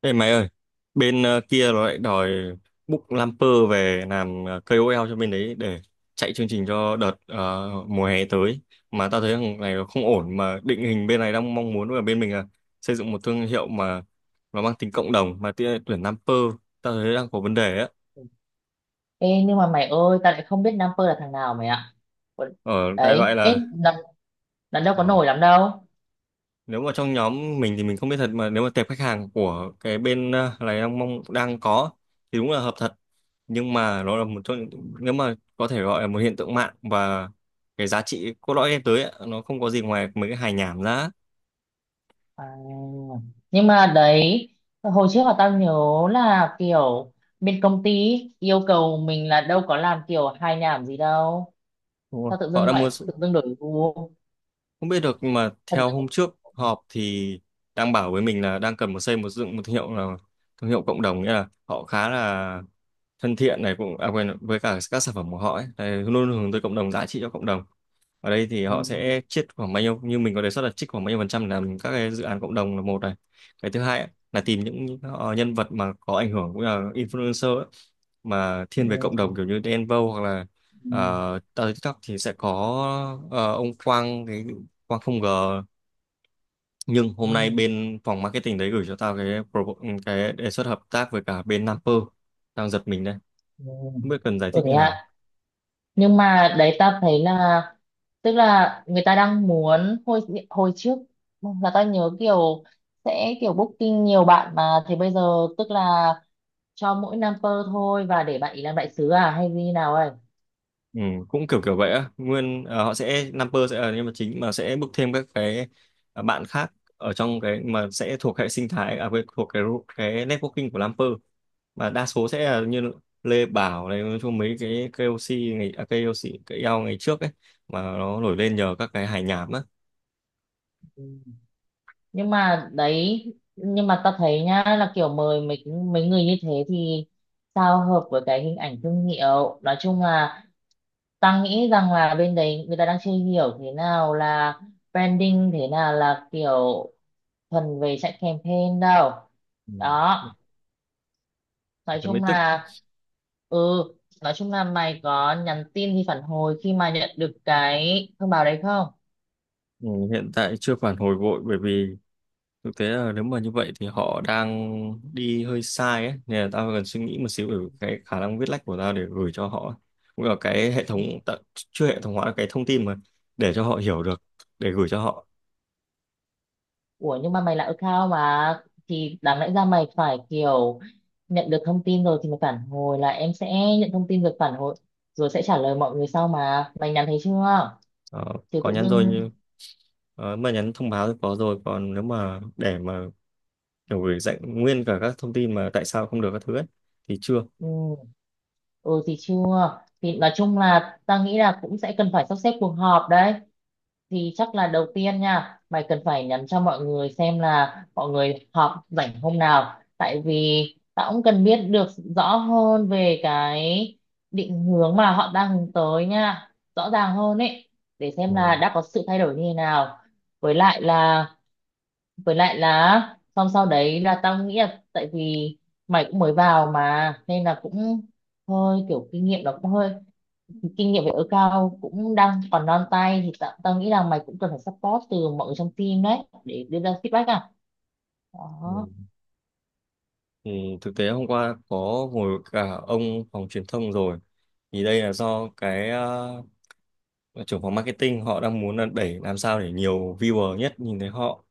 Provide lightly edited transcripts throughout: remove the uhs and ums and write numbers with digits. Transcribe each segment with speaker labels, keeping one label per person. Speaker 1: Ê mày ơi, bên kia nó lại đòi book Lamper về làm KOL cho bên đấy để chạy chương trình cho đợt mùa hè tới. Mà tao thấy thằng này nó không ổn, mà định hình bên này đang mong muốn ở bên mình là xây dựng một thương hiệu mà nó mang tính cộng đồng, mà tuyển Lamper tao thấy đang có vấn đề á.
Speaker 2: Ê, nhưng mà mày ơi, tao lại không biết Nam Pơ là thằng nào mày ạ. Ủa,
Speaker 1: Ở, đại loại
Speaker 2: đấy ê,
Speaker 1: là
Speaker 2: lần lần đâu có
Speaker 1: ờ,
Speaker 2: nổi lắm đâu.
Speaker 1: nếu mà trong nhóm mình thì mình không biết thật, mà nếu mà tệp khách hàng của cái bên này đang mong đang có thì đúng là hợp thật. Nhưng mà nó là nếu mà có thể gọi là một hiện tượng mạng, và cái giá trị cốt lõi đem tới ấy, nó không có gì ngoài mấy cái hài nhảm ra.
Speaker 2: À, nhưng mà đấy, hồi trước là tao nhớ là kiểu bên công ty yêu cầu mình là đâu có làm kiểu hài nhảm gì đâu.
Speaker 1: Đúng rồi,
Speaker 2: Tao tự
Speaker 1: họ
Speaker 2: dưng
Speaker 1: đang
Speaker 2: lại
Speaker 1: mua.
Speaker 2: tự dưng đổi gu,
Speaker 1: Không biết được, nhưng mà
Speaker 2: thật
Speaker 1: theo
Speaker 2: là-
Speaker 1: hôm trước họp thì đang bảo với mình là đang cần một xây một dựng một thương hiệu, là thương hiệu cộng đồng, nghĩa là họ khá là thân thiện này cũng à, quên với cả các sản phẩm của họ ấy. Đấy, luôn luôn hướng tới cộng đồng, giá trị cho cộng đồng. Ở đây thì
Speaker 2: ừ,
Speaker 1: họ sẽ chiết khoảng bao nhiêu, như mình có đề xuất là chiết khoảng bao nhiêu phần trăm để làm các cái dự án cộng đồng là một này. Cái thứ hai ấy, là tìm nhân vật mà có ảnh hưởng cũng là influencer ấy, mà
Speaker 2: ừ,
Speaker 1: thiên về cộng đồng kiểu như Đen Vâu, hoặc là
Speaker 2: ừ, ừ,
Speaker 1: TikTok thì sẽ có ông Quang, cái Quang không ngờ. Nhưng
Speaker 2: ừ.
Speaker 1: hôm nay bên phòng marketing đấy gửi cho tao cái cái đề xuất hợp tác với cả bên Naper, đang giật mình đây,
Speaker 2: Ừ.
Speaker 1: không biết cần giải
Speaker 2: Ừ,
Speaker 1: thích
Speaker 2: thế
Speaker 1: như nào.
Speaker 2: ạ. Nhưng mà đấy, ta thấy là, tức là người ta đang muốn, hồi hồi trước là ta nhớ kiểu sẽ kiểu booking nhiều bạn, mà thì bây giờ, tức là cho mỗi number thôi và để bạn ý làm đại sứ à hay như nào ấy.
Speaker 1: Ừ, cũng kiểu kiểu vậy á, nguyên họ sẽ Naper sẽ là nhân vật chính, mà sẽ bước thêm các cái bạn khác ở trong cái mà sẽ thuộc hệ sinh thái thuộc cái networking của Naper, mà đa số sẽ là như Lê Bảo này. Nói chung mấy cái KOC ngày KOC cái eo ngày trước ấy, mà nó nổi lên nhờ các cái hài nhảm á.
Speaker 2: Ừ. Nhưng mà đấy, nhưng mà ta thấy nhá, là kiểu mời mấy mấy người như thế thì sao hợp với cái hình ảnh thương hiệu. Nói chung là ta nghĩ rằng là bên đấy người ta đang chưa hiểu thế nào là branding, thế nào là kiểu thuần về chạy campaign đâu.
Speaker 1: Ừ,
Speaker 2: Đó, nói
Speaker 1: thế mới
Speaker 2: chung
Speaker 1: tức.
Speaker 2: là ừ, nói chung là mày có nhắn tin thì phản hồi khi mà nhận được cái thông báo đấy không?
Speaker 1: Ừ, hiện tại chưa phản hồi vội, bởi vì thực tế là nếu mà như vậy thì họ đang đi hơi sai ấy, nên là tao cần suy nghĩ một xíu về cái khả năng viết lách của tao để gửi cho họ, cũng là cái hệ thống chưa hệ thống hóa cái thông tin, mà để cho họ hiểu được, để gửi cho họ.
Speaker 2: Ủa nhưng mà mày là account mà, thì đáng lẽ ra mày phải kiểu nhận được thông tin rồi thì mày phản hồi là em sẽ nhận thông tin rồi phản hồi, rồi sẽ trả lời mọi người sau, mà mày nhắn thấy chưa?
Speaker 1: Ờ,
Speaker 2: Chứ
Speaker 1: có
Speaker 2: tự
Speaker 1: nhắn rồi
Speaker 2: dưng,
Speaker 1: như mà nhắn thông báo thì có rồi, còn nếu mà để mà kiểu gửi dạy nguyên cả các thông tin mà tại sao không được các thứ ấy, thì chưa.
Speaker 2: ừ, ừ thì chưa thì nói chung là ta nghĩ là cũng sẽ cần phải sắp xếp cuộc họp đấy. Thì chắc là đầu tiên nha, mày cần phải nhắn cho mọi người xem là mọi người họp rảnh hôm nào, tại vì tao cũng cần biết được rõ hơn về cái định hướng mà họ đang hướng tới nha, rõ ràng hơn ấy, để xem là
Speaker 1: Ừ.
Speaker 2: đã có sự thay đổi như thế nào. Với lại là với lại là xong sau đấy là tao nghĩ là, tại vì mày cũng mới vào mà nên là cũng hơi kiểu kinh nghiệm nó cũng hơi, kinh nghiệm về ở cao cũng đang còn non tay, thì tao nghĩ là mày cũng cần phải support từ mọi người trong team đấy để đưa ra feedback à.
Speaker 1: Ừ.
Speaker 2: Đó.
Speaker 1: Ừ, thực tế hôm qua có ngồi với cả ông phòng truyền thông rồi, thì đây là do cái trưởng phòng marketing họ đang muốn là đẩy làm sao để nhiều viewer nhất nhìn thấy họ.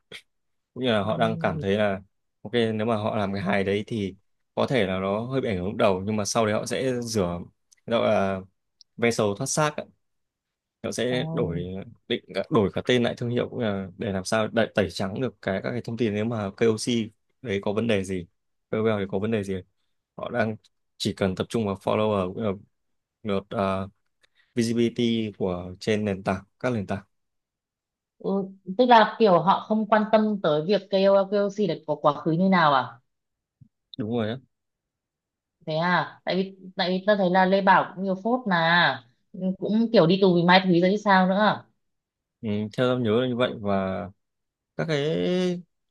Speaker 1: Cũng như là họ đang cảm
Speaker 2: Ừ.
Speaker 1: thấy là ok, nếu mà họ làm cái hài đấy thì có thể là nó hơi bị ảnh hưởng lúc đầu, nhưng mà sau đấy họ sẽ rửa, gọi là ve sầu thoát xác. Nó
Speaker 2: Ờ.
Speaker 1: sẽ đổi đổi cả tên lại thương hiệu, cũng là để làm sao đẩy, tẩy trắng được cái các cái thông tin nếu mà KOC đấy có vấn đề gì, KOL đấy có vấn đề gì. Họ đang chỉ cần tập trung vào follower, cũng là lượt à, visibility của trên nền tảng các nền tảng.
Speaker 2: Ừ. Tức là kiểu họ không quan tâm tới việc KOL KOC là có quá khứ như nào à?
Speaker 1: Đúng rồi á.
Speaker 2: Thế à, tại vì tao thấy là Lê Bảo cũng nhiều phốt mà, cũng kiểu đi tù vì mai thúy rồi chứ sao nữa.
Speaker 1: Ừ, theo em nhớ là như vậy. Và các cái,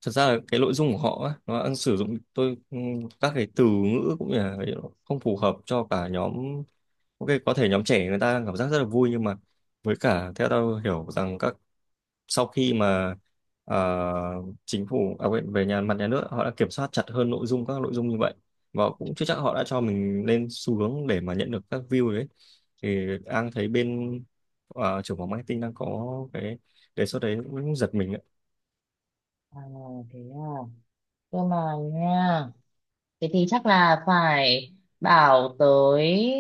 Speaker 1: thật ra là cái nội dung của họ á, nó đang sử dụng tôi các cái từ ngữ cũng như là không phù hợp cho cả nhóm. Ok, có thể nhóm trẻ người ta đang cảm giác rất là vui, nhưng mà với cả theo tôi hiểu rằng các sau khi mà ờ, chính phủ về nhà nước họ đã kiểm soát chặt hơn nội dung các nội dung như vậy, và cũng chưa chắc họ đã cho mình lên xu hướng để mà nhận được các view đấy. Thì đang thấy bên trưởng phòng marketing đang có cái đề xuất đấy cũng giật mình.
Speaker 2: À, thế à. Cơ mà nha, thế thì chắc là phải bảo tới,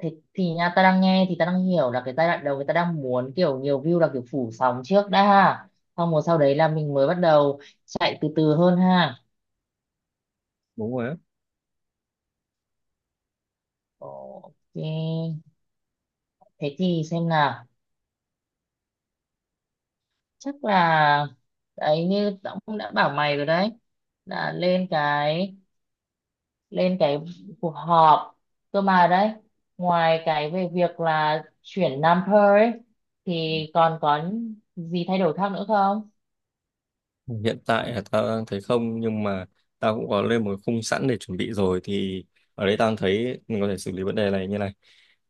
Speaker 2: thì, thì nha, ta đang nghe thì ta đang hiểu là cái giai đoạn đầu người ta đang muốn kiểu nhiều view, là kiểu phủ sóng trước đã ha. Xong rồi sau đấy là mình mới bắt đầu chạy từ từ hơn ha.
Speaker 1: Đúng rồi á.
Speaker 2: Ok. Thế thì xem nào. Chắc là đấy, như ông đã bảo mày rồi đấy. Là lên cái cuộc họp, cơ mà đấy, ngoài cái về việc là chuyển number ấy, thì còn có gì thay đổi khác nữa không?
Speaker 1: Hiện tại là tao đang thấy không, nhưng mà tao cũng có lên một cái khung sẵn để chuẩn bị rồi. Thì ở đây tao thấy mình có thể xử lý vấn đề này như này: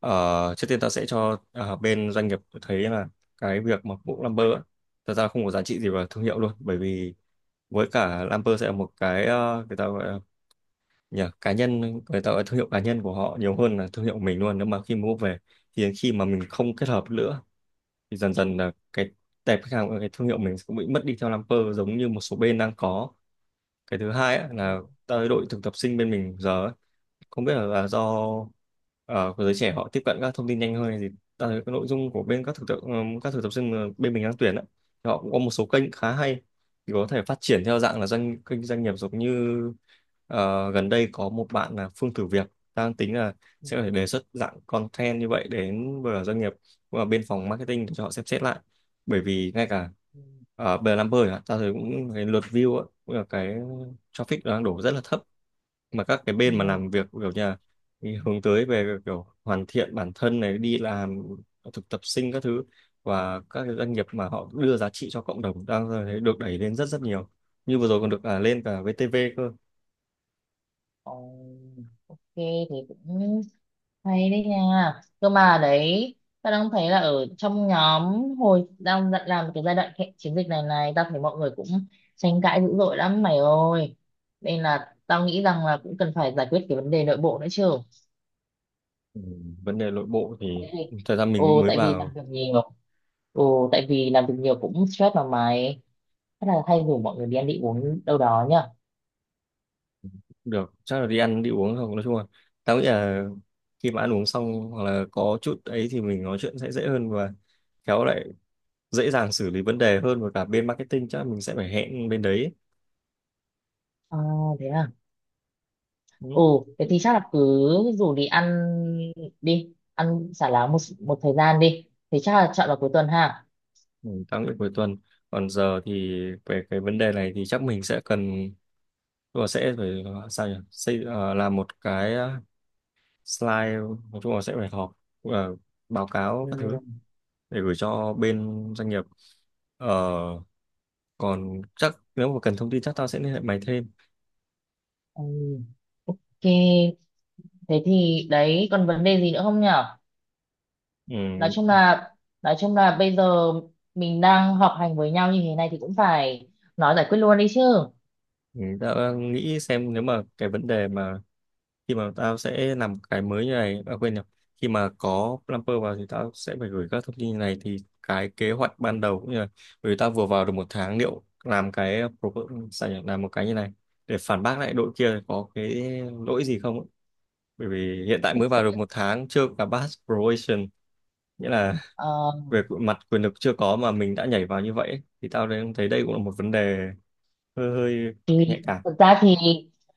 Speaker 1: trước tiên tao sẽ cho bên doanh nghiệp thấy là cái việc mà bộ Lamper á, thật ra không có giá trị gì vào thương hiệu luôn. Bởi vì với cả Lamper sẽ là một cái người ta gọi là, nhỉ, cá nhân, người ta gọi là thương hiệu cá nhân của họ nhiều hơn là thương hiệu của mình luôn. Nếu mà khi mua về thì khi mà mình không kết hợp nữa thì dần dần là cái tệp khách hàng, cái thương hiệu mình cũng bị mất đi theo Lamper, giống như một số bên đang có. Cái thứ hai á, là tới đội thực tập sinh bên mình giờ ấy, không biết là do ờ, của giới trẻ họ tiếp cận các thông tin nhanh hơn hay gì, ta thấy cái nội dung của bên các thực tập sinh mà bên mình đang tuyển á, thì họ cũng có một số kênh khá hay. Thì có thể phát triển theo dạng là kênh doanh nghiệp, giống như gần đây có một bạn là Phương thử việc, đang tính là sẽ có thể đề xuất dạng content như vậy đến với doanh nghiệp và bên phòng marketing để cho họ xem xét lại. Bởi vì ngay cả ở bờ Lamper, ta thấy cũng cái lượt view á, cũng là cái traffic đang đổ rất là thấp. Mà các cái
Speaker 2: Ừ, ừ,
Speaker 1: bên mà
Speaker 2: ừ. Ừ.
Speaker 1: làm việc kiểu nhà hướng tới về kiểu hoàn thiện bản thân này, đi làm thực tập sinh các thứ, và các cái doanh nghiệp mà họ đưa giá trị cho cộng đồng đang thấy được đẩy lên rất rất nhiều, như vừa rồi còn được lên cả VTV cơ.
Speaker 2: Ồ, ok thì cũng hay đấy nha. Cơ mà đấy, ta đang thấy là ở trong nhóm, làm cái chiến dịch này này, tao thấy mọi người cũng tranh cãi dữ dội lắm mày ơi, nên là tao nghĩ rằng là cũng cần phải giải quyết cái vấn đề nội bộ nữa chứ.
Speaker 1: Ừ, vấn đề nội bộ thì
Speaker 2: Cái gì?
Speaker 1: thời gian mình
Speaker 2: Ồ,
Speaker 1: mới
Speaker 2: tại vì làm
Speaker 1: vào
Speaker 2: việc nhiều. Ồ, tại vì làm việc nhiều cũng stress mà mày. Chắc là hay rủ mọi người đi ăn đi uống đâu đó nhá.
Speaker 1: được, chắc là đi ăn đi uống không. Nói chung là tao nghĩ là khi mà ăn uống xong, hoặc là có chút ấy, thì mình nói chuyện sẽ dễ hơn và khéo lại dễ dàng xử lý vấn đề hơn. Và cả bên marketing chắc là mình sẽ phải hẹn bên đấy.
Speaker 2: À, thế à.
Speaker 1: Ừ.
Speaker 2: Ồ, thế thì chắc là cứ rủ đi. Ăn xả láng một thời gian đi. Thế chắc là chọn vào cuối tuần ha.
Speaker 1: Ừ, tăng đến cuối tuần. Còn giờ thì về cái vấn đề này thì chắc mình sẽ cần, tức là sẽ phải sao nhỉ, làm một cái slide, nói chung là sẽ phải họp ờ, báo cáo
Speaker 2: Ừ,
Speaker 1: các thứ để gửi cho bên doanh nghiệp. Ờ, còn chắc nếu mà cần thông tin chắc tao sẽ liên hệ mày thêm.
Speaker 2: ừ, ok. Thế thì đấy, còn vấn đề gì nữa không nhở? Nói
Speaker 1: Ừ,
Speaker 2: chung là nói chung là bây giờ mình đang họp hành với nhau như thế này thì cũng phải nói, giải quyết luôn đi chứ.
Speaker 1: mình đã nghĩ xem nếu mà cái vấn đề mà khi mà tao sẽ làm cái mới như này, à, quên nhầm khi mà có Plumper vào thì tao sẽ phải gửi các thông tin như này. Thì cái kế hoạch ban đầu cũng như là, bởi vì tao vừa vào được một tháng, liệu làm cái sao nhỉ? Làm một cái như này để phản bác lại đội kia có cái lỗi gì không ấy. Bởi vì hiện tại mới vào được một tháng, chưa cả pass probation, nghĩa là
Speaker 2: Ờ
Speaker 1: về mặt quyền lực chưa có mà mình đã nhảy vào như vậy ấy. Thì tao đang thấy đây cũng là một vấn đề hơi hơi nhạy
Speaker 2: thì
Speaker 1: cảm.
Speaker 2: thực ra thì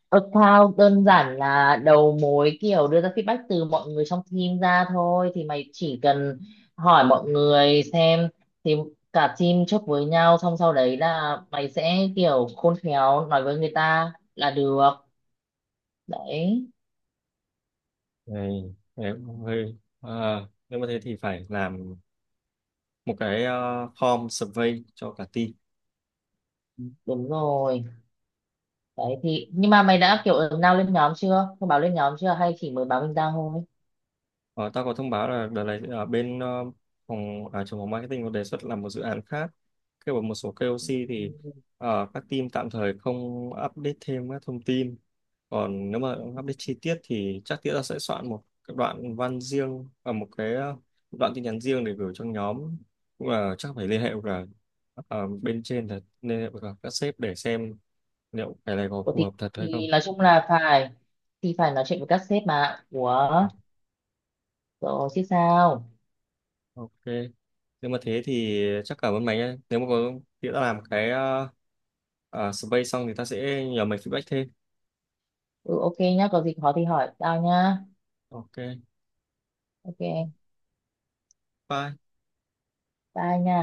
Speaker 2: account đơn giản là đầu mối kiểu đưa ra feedback từ mọi người trong team ra thôi, thì mày chỉ cần hỏi mọi người xem, thì cả team chốt với nhau, xong sau đấy là mày sẽ kiểu khôn khéo nói với người ta là được. Đấy,
Speaker 1: Này, đấy, hơi à, nếu mà thế thì phải làm một cái form survey cho cả team.
Speaker 2: đúng rồi đấy. Thì nhưng mà mày đã kiểu ứng nào lên nhóm chưa, thông báo lên nhóm chưa, hay chỉ mới báo mình ra thôi?
Speaker 1: Ờ, tao có thông báo là đợt này ở bên trưởng phòng marketing có đề xuất làm một dự án khác, kêu bằng một số KOC. Thì
Speaker 2: Ừ.
Speaker 1: các team tạm thời không update thêm các thông tin, còn nếu mà update chi tiết thì chắc tiết là sẽ soạn một cái đoạn văn riêng và một cái đoạn tin nhắn riêng để gửi cho nhóm. Cũng là chắc phải liên hệ với cả bên trên thật, liên hệ với cả các sếp để xem liệu cái này có
Speaker 2: Ủa
Speaker 1: phù
Speaker 2: thì,
Speaker 1: hợp thật hay
Speaker 2: thì
Speaker 1: không.
Speaker 2: nói chung là phải, thì phải nói chuyện với các sếp mà ủa.
Speaker 1: Ờ,
Speaker 2: Rồi chứ sao.
Speaker 1: ok, nếu mà thế thì chắc cảm ơn mày nhé. Nếu mà có khi đã làm cái survey xong thì ta sẽ nhờ mày feedback thêm.
Speaker 2: Ừ ok nhá, có gì khó thì hỏi tao nhá.
Speaker 1: Ok,
Speaker 2: Ok,
Speaker 1: bye.
Speaker 2: bye nha.